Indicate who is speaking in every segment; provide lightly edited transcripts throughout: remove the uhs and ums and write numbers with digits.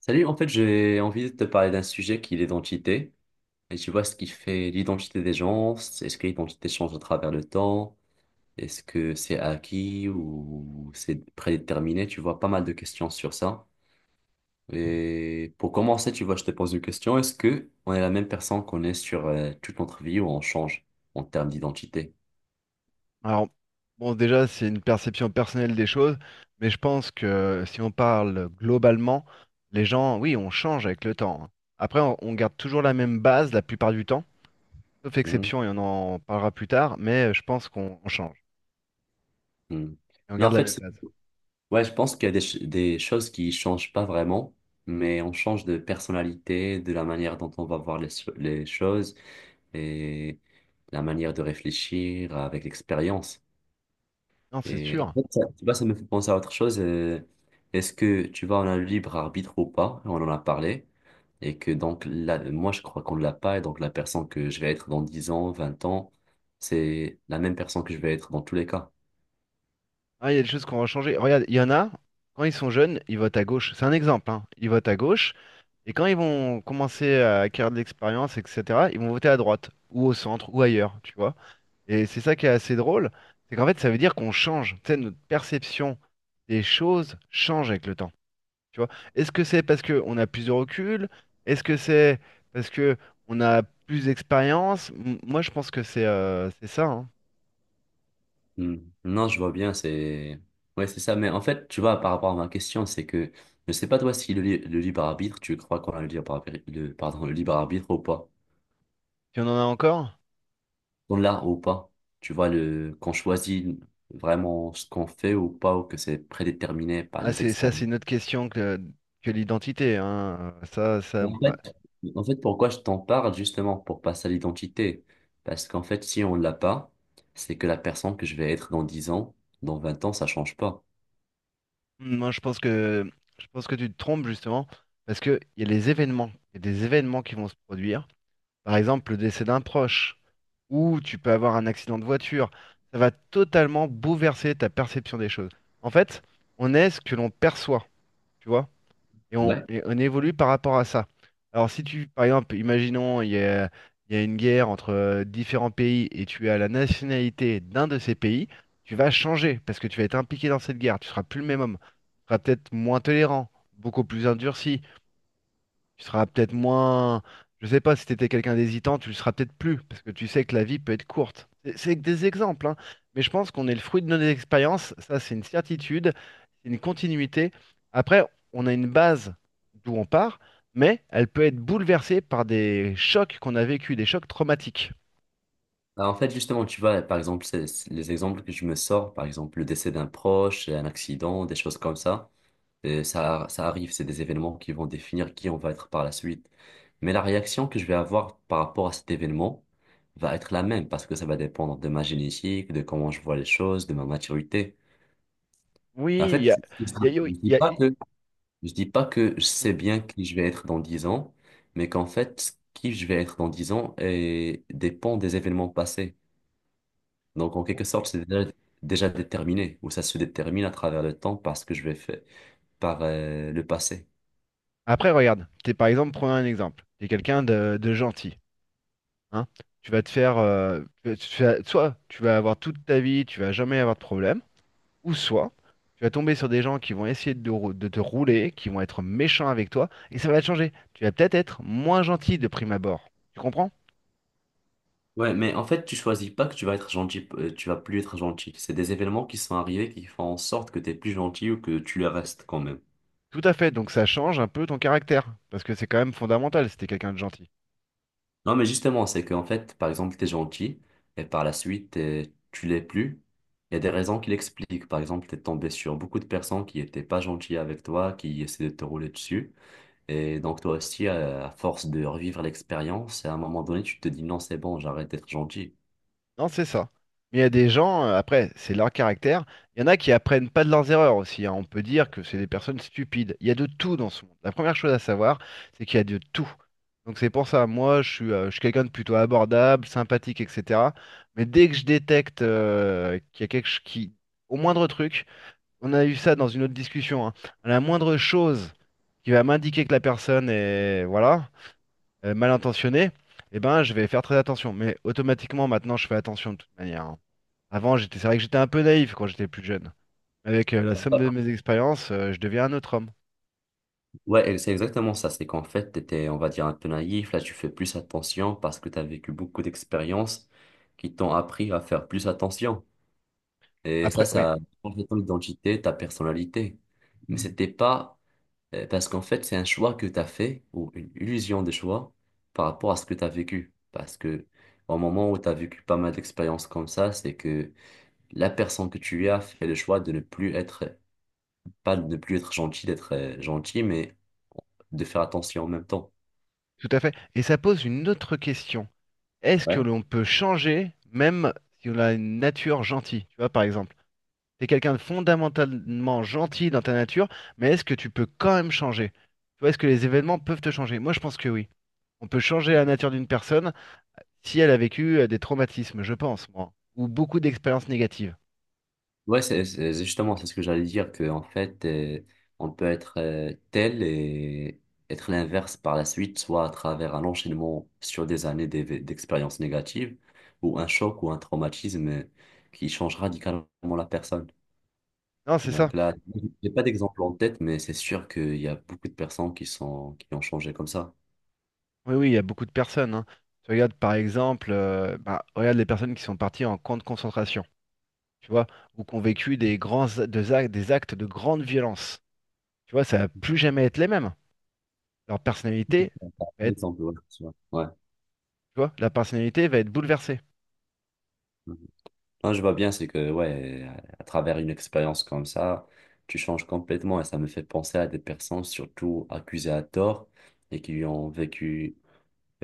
Speaker 1: Salut, en fait, j'ai envie de te parler d'un sujet qui est l'identité. Et tu vois ce qui fait l'identité des gens. Est-ce que l'identité change à travers le temps? Est-ce que c'est acquis ou c'est prédéterminé? Tu vois pas mal de questions sur ça. Et pour commencer, tu vois, je te pose une question. Est-ce que on est la même personne qu'on est sur toute notre vie ou on change en termes d'identité?
Speaker 2: Alors, bon, déjà, c'est une perception personnelle des choses, mais je pense que si on parle globalement, les gens, oui, on change avec le temps, hein. Après, on garde toujours la même base la plupart du temps, sauf
Speaker 1: Mhm.
Speaker 2: exception, et on en parlera plus tard, mais je pense qu'on on change
Speaker 1: Mhm.
Speaker 2: et on
Speaker 1: Non,
Speaker 2: garde
Speaker 1: en
Speaker 2: la même
Speaker 1: fait,
Speaker 2: base.
Speaker 1: ouais, je pense qu'il y a des choses qui changent pas vraiment, mais on change de personnalité, de la manière dont on va voir les choses et la manière de réfléchir avec l'expérience.
Speaker 2: Non, c'est
Speaker 1: Et en
Speaker 2: sûr.
Speaker 1: fait, ça, tu vois, ça me fait penser à autre chose. Est-ce que tu vois, on a le libre arbitre ou pas? On en a parlé. Et que donc, là, moi, je crois qu'on ne l'a pas. Et donc, la personne que je vais être dans 10 ans, 20 ans, c'est la même personne que je vais être dans tous les cas.
Speaker 2: Ah, il y a des choses qu'on va changer. Regarde, il y en a, quand ils sont jeunes, ils votent à gauche. C'est un exemple, hein. Ils votent à gauche, et quand ils vont commencer à acquérir de l'expérience, etc., ils vont voter à droite, ou au centre, ou ailleurs, tu vois. Et c'est ça qui est assez drôle, c'est qu'en fait, ça veut dire qu'on change. Tu sais, notre perception des choses change avec le temps. Tu vois? Est-ce que c'est parce qu'on a plus de recul? Est-ce que c'est parce que on a plus d'expérience? Moi, je pense que c'est ça, hein.
Speaker 1: Hmm. Non, je vois bien, c'est... Ouais, c'est ça. Mais en fait, tu vois, par rapport à ma question, c'est que je sais pas toi si le libre arbitre, tu crois qu'on a le libre arbitre, le, pardon, le libre arbitre ou pas.
Speaker 2: Si on en a encore?
Speaker 1: On l'a ou pas. Tu vois, le, qu'on choisit vraiment ce qu'on fait ou pas, ou que c'est prédéterminé par
Speaker 2: Ah,
Speaker 1: les
Speaker 2: c'est ça,
Speaker 1: experts.
Speaker 2: c'est une autre question que l'identité, hein. Ça, ça,
Speaker 1: En
Speaker 2: bah,
Speaker 1: fait, en fait, pourquoi je t'en parle, justement, pour passer à l'identité. Parce qu'en fait, si on l'a pas, c'est que la personne que je vais être dans 10 ans, dans 20 ans, ça change pas.
Speaker 2: moi, je pense que tu te trompes justement parce que il y a les événements, il y a des événements qui vont se produire. Par exemple, le décès d'un proche, ou tu peux avoir un accident de voiture. Ça va totalement bouleverser ta perception des choses. En fait, on est ce que l'on perçoit, tu vois, et on,
Speaker 1: Ouais.
Speaker 2: et on évolue par rapport à ça. Alors si tu, par exemple, imaginons, il y a une guerre entre différents pays et tu as la nationalité d'un de ces pays, tu vas changer parce que tu vas être impliqué dans cette guerre, tu seras plus le même homme, tu seras peut-être moins tolérant, beaucoup plus endurci, tu seras peut-être moins. Je sais pas si tu étais quelqu'un d'hésitant, tu le seras peut-être plus, parce que tu sais que la vie peut être courte. C'est que des exemples, hein. Mais je pense qu'on est le fruit de nos expériences, ça c'est une certitude, c'est une continuité. Après, on a une base d'où on part, mais elle peut être bouleversée par des chocs qu'on a vécu, des chocs traumatiques.
Speaker 1: Bah, en fait, justement, tu vois, par exemple, c'est les exemples que je me sors, par exemple, le décès d'un proche, un accident, des choses comme ça, et ça, ça arrive, c'est des événements qui vont définir qui on va être par la suite. Mais la réaction que je vais avoir par rapport à cet événement va être la même, parce que ça va dépendre de ma génétique, de comment je vois les choses, de ma maturité. Et en
Speaker 2: Oui, il
Speaker 1: fait,
Speaker 2: y a,
Speaker 1: c'est ça.
Speaker 2: il y a- il
Speaker 1: je ne dis
Speaker 2: y a-
Speaker 1: pas
Speaker 2: il y
Speaker 1: que, je dis pas que je
Speaker 2: a-
Speaker 1: sais bien qui je vais être dans 10 ans, mais qu'en fait, qui je vais être dans 10 ans dépend des événements passés. Donc, en
Speaker 2: Oh,
Speaker 1: quelque sorte,
Speaker 2: oui.
Speaker 1: déjà déterminé, ou ça se détermine à travers le temps parce que je vais faire par le passé.
Speaker 2: Après, regarde, t'es par exemple, prenons un exemple, t'es quelqu'un de gentil, hein. Tu vas te faire, soit tu vas avoir toute ta vie, tu vas jamais avoir de problème, ou soit tu vas tomber sur des gens qui vont essayer de te rouler, qui vont être méchants avec toi, et ça va te changer. Tu vas peut-être être moins gentil de prime abord. Tu comprends?
Speaker 1: Ouais, mais en fait, tu choisis pas que tu vas être gentil, tu vas plus être gentil. C'est des événements qui sont arrivés qui font en sorte que tu es plus gentil ou que tu le restes quand même.
Speaker 2: Tout à fait. Donc ça change un peu ton caractère, parce que c'est quand même fondamental si t'es quelqu'un de gentil.
Speaker 1: Non, mais justement, c'est qu'en fait, par exemple, tu es gentil et par la suite, tu l'es plus. Il y a des raisons qui l'expliquent. Par exemple, tu es tombé sur beaucoup de personnes qui n'étaient pas gentilles avec toi, qui essaient de te rouler dessus. Et donc toi aussi, à force de revivre l'expérience, à un moment donné, tu te dis non, c'est bon, j'arrête d'être gentil.
Speaker 2: Non, c'est ça. Mais il y a des gens, après, c'est leur caractère. Il y en a qui apprennent pas de leurs erreurs aussi, hein. On peut dire que c'est des personnes stupides. Il y a de tout dans ce monde. La première chose à savoir, c'est qu'il y a de tout. Donc c'est pour ça, moi, je suis quelqu'un de plutôt abordable, sympathique, etc. Mais dès que je détecte qu'il y a quelque chose qui, au moindre truc, on a eu ça dans une autre discussion, hein, à la moindre chose qui va m'indiquer que la personne est, voilà, mal intentionné, eh ben, je vais faire très attention. Mais automatiquement, maintenant, je fais attention de toute manière, hein. Avant, j'étais, c'est vrai que j'étais un peu naïf quand j'étais plus jeune. Avec la somme de mes expériences, je deviens un autre homme.
Speaker 1: Ouais, et c'est exactement ça. C'est qu'en fait, tu étais, on va dire, un peu naïf. Là, tu fais plus attention parce que tu as vécu beaucoup d'expériences qui t'ont appris à faire plus attention. Et ça,
Speaker 2: Après, oui,
Speaker 1: ça change ton identité, ta personnalité. Mais c'était pas parce qu'en fait, c'est un choix que tu as fait ou une illusion de choix par rapport à ce que tu as vécu. Parce que au moment où tu as vécu pas mal d'expériences comme ça, c'est que la personne que tu as fait le choix de ne plus être, pas de ne plus être gentil, d'être gentil, mais de faire attention en même temps.
Speaker 2: tout à fait. Et ça pose une autre question. Est-ce que
Speaker 1: Ouais.
Speaker 2: l'on peut changer même si on a une nature gentille? Tu vois, par exemple, tu es quelqu'un de fondamentalement gentil dans ta nature, mais est-ce que tu peux quand même changer? Tu vois, est-ce que les événements peuvent te changer? Moi, je pense que oui. On peut changer la nature d'une personne si elle a vécu des traumatismes, je pense, moi, ou beaucoup d'expériences négatives.
Speaker 1: Ouais, c'est justement c'est ce que j'allais dire, que en fait, on peut être tel et être l'inverse par la suite, soit à travers un enchaînement sur des années d'expériences négatives, ou un choc ou un traumatisme qui change radicalement la personne.
Speaker 2: Non, c'est ça.
Speaker 1: Donc là, j'ai pas d'exemple en tête, mais c'est sûr qu'il y a beaucoup de personnes qui sont, qui ont changé comme ça.
Speaker 2: Oui, oui, il y a beaucoup de personnes, hein. Tu regardes par exemple, regarde les personnes qui sont parties en camp de concentration, tu vois, ou qui ont vécu des actes de grande violence. Tu vois, ça va plus jamais être les mêmes. Leur personnalité va
Speaker 1: Par
Speaker 2: être,
Speaker 1: exemple, ouais, tu vois. Ouais.
Speaker 2: tu vois, la personnalité va être bouleversée.
Speaker 1: Mhm. Non, je vois bien, c'est que, ouais, à travers une expérience comme ça, tu changes complètement et ça me fait penser à des personnes, surtout accusées à tort et qui ont vécu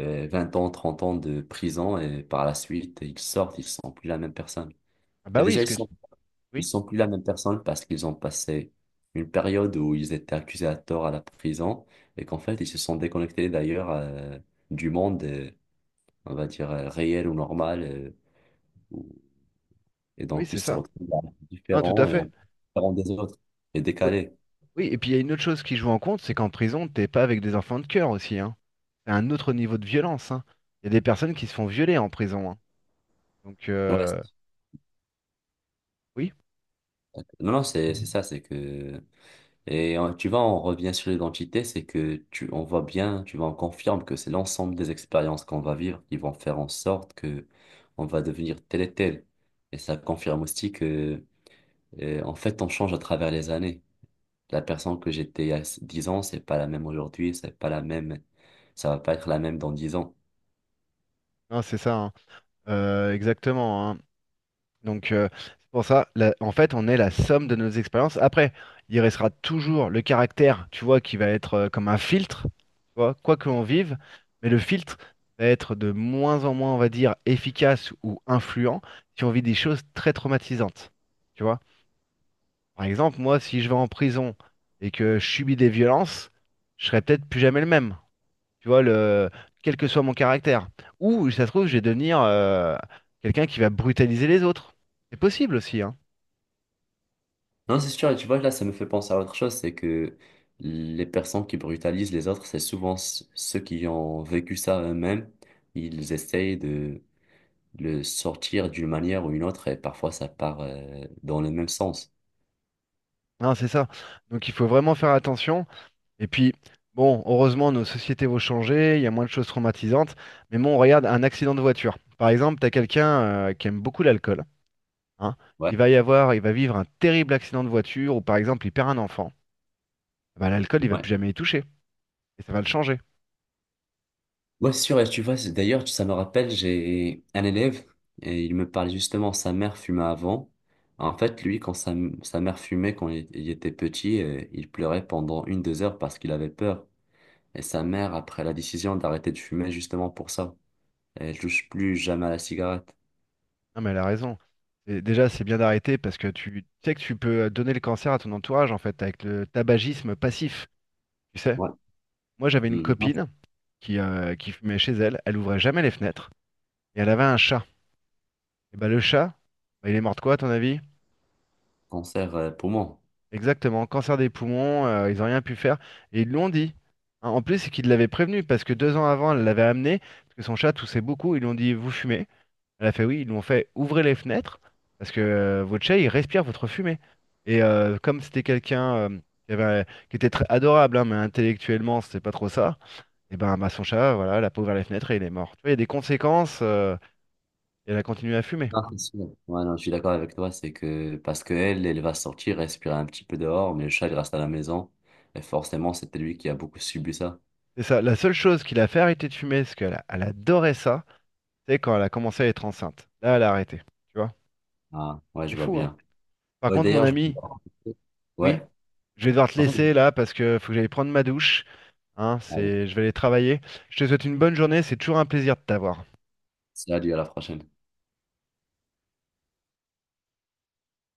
Speaker 1: 20 ans, 30 ans de prison et par la suite, ils sortent, ils sont plus la même personne.
Speaker 2: Ah
Speaker 1: Et
Speaker 2: bah oui,
Speaker 1: déjà,
Speaker 2: ce que, tu-
Speaker 1: ils
Speaker 2: oui,
Speaker 1: sont plus la même personne parce qu'ils ont passé une période où ils étaient accusés à tort à la prison et qu'en fait, ils se sont déconnectés d'ailleurs du monde, on va dire, réel ou normal. euh, Et
Speaker 2: oui,
Speaker 1: donc, ils
Speaker 2: c'est
Speaker 1: se
Speaker 2: ça.
Speaker 1: retrouvent là,
Speaker 2: Non, tout à
Speaker 1: différents et
Speaker 2: fait.
Speaker 1: en- différents des autres et
Speaker 2: Oui,
Speaker 1: décalés.
Speaker 2: oui, et puis il y a une autre chose qui joue en compte, c'est qu'en prison, t'es pas avec des enfants de cœur aussi, hein. C'est un autre niveau de violence, hein. Il y a des personnes qui se font violer en prison, hein. Donc,
Speaker 1: Ouais, c'est-
Speaker 2: oui,
Speaker 1: Non, non, c'est ça, c'est que... Et tu vois, on revient sur l'identité, c'est que tu, on voit bien, tu vois, on confirme que c'est l'ensemble des expériences qu'on va vivre qui vont faire en sorte que on va devenir tel et tel. Et ça confirme aussi que, en fait, on change à travers les années. La personne que j'étais il y a 10 ans, c'est pas la même aujourd'hui, c'est pas la même, ça va pas être la même dans 10 ans.
Speaker 2: non, c'est ça, hein. Exactement, hein. Donc, c'est pour ça, en fait, on est la somme de nos expériences. Après, il restera toujours le caractère, tu vois, qui va être comme un filtre, tu vois, quoi que l'on vive, mais le filtre va être de moins en moins, on va dire, efficace ou influent si on vit des choses très traumatisantes. Tu vois. Par exemple, moi, si je vais en prison et que je subis des violences, je serai peut-être plus jamais le même. Tu vois, le… quel que soit mon caractère. Ou, ça se trouve, je vais devenir quelqu'un qui va brutaliser les autres. C'est possible aussi, hein.
Speaker 1: Non, c'est sûr, et tu vois, là, ça me fait penser à autre chose, c'est que les personnes qui brutalisent les autres, c'est souvent ceux qui ont vécu ça eux-mêmes. Ils essayent de le sortir d'une manière ou une autre, et parfois ça part dans le même sens.
Speaker 2: Hein, c'est ça. Donc, il faut vraiment faire attention. Et puis, bon, heureusement, nos sociétés vont changer, il y a moins de choses traumatisantes. Mais bon, regarde, un accident de voiture. Par exemple, tu as quelqu'un qui aime beaucoup l'alcool, hein.
Speaker 1: Ouais,
Speaker 2: Il va vivre un terrible accident de voiture, ou par exemple, il perd un enfant. Bah, l'alcool, il va
Speaker 1: ouais.
Speaker 2: plus jamais y toucher. Et ça va le changer.
Speaker 1: Ouais, c'est sûr, et tu vois, d'ailleurs, ça me rappelle, j'ai un élève, et il me parlait justement, sa mère fumait avant. En fait, lui, sa mère fumait, quand il était petit, il pleurait pendant 1, 2 heures parce qu'il avait peur. Et sa mère a pris la décision d'arrêter de fumer justement pour ça. Elle touche plus jamais à la cigarette.
Speaker 2: Non, mais elle a raison. Et déjà, c'est bien d'arrêter parce que tu sais que tu peux donner le cancer à ton entourage, en fait, avec le tabagisme passif, tu sais.
Speaker 1: Ouais.
Speaker 2: Moi, j'avais une
Speaker 1: Mm, non, c'est
Speaker 2: copine qui fumait chez elle, elle ouvrait jamais les fenêtres, et elle avait un chat. Et bah, le chat, bah, il est mort de quoi, à ton avis?
Speaker 1: un cancer poumon.
Speaker 2: Exactement, cancer des poumons, ils n'ont rien pu faire. Et ils l'ont dit. Hein, en plus, c'est qu'ils l'avaient prévenu parce que deux ans avant, elle l'avait amené, parce que son chat toussait beaucoup, ils lui ont dit, vous fumez. Elle a fait oui, ils nous ont fait ouvrez les fenêtres parce que votre chat il respire votre fumée. Et comme c'était quelqu'un qui était très adorable, hein, mais intellectuellement c'était pas trop ça, et son chat, voilà, elle a pas ouvert les fenêtres et il est mort. Tu vois, il y a des conséquences et elle a continué à fumer.
Speaker 1: Non, c'est sûr. Ouais, non, je suis d'accord avec toi, c'est que parce que elle, elle va sortir, respirer un petit peu dehors, mais le chat il reste à la maison. Et forcément, c'était lui qui a beaucoup subi ça.
Speaker 2: C'est ça. La seule chose qui l'a fait arrêter de fumer, parce qu'elle adorait ça, c'est quand elle a commencé à être enceinte. Là, elle a arrêté. Tu vois,
Speaker 1: Ah, ouais,
Speaker 2: c'est
Speaker 1: je vois
Speaker 2: fou, hein.
Speaker 1: bien.
Speaker 2: Par
Speaker 1: Ouais,
Speaker 2: contre, mon
Speaker 1: d'ailleurs, je...
Speaker 2: ami, oui,
Speaker 1: Ouais.
Speaker 2: je vais devoir te
Speaker 1: En fait,
Speaker 2: laisser là parce que faut que j'aille prendre ma douche. Hein,
Speaker 1: allez,
Speaker 2: c'est… Je vais aller travailler. Je te souhaite une bonne journée, c'est toujours un plaisir de t'avoir.
Speaker 1: salut, à la prochaine.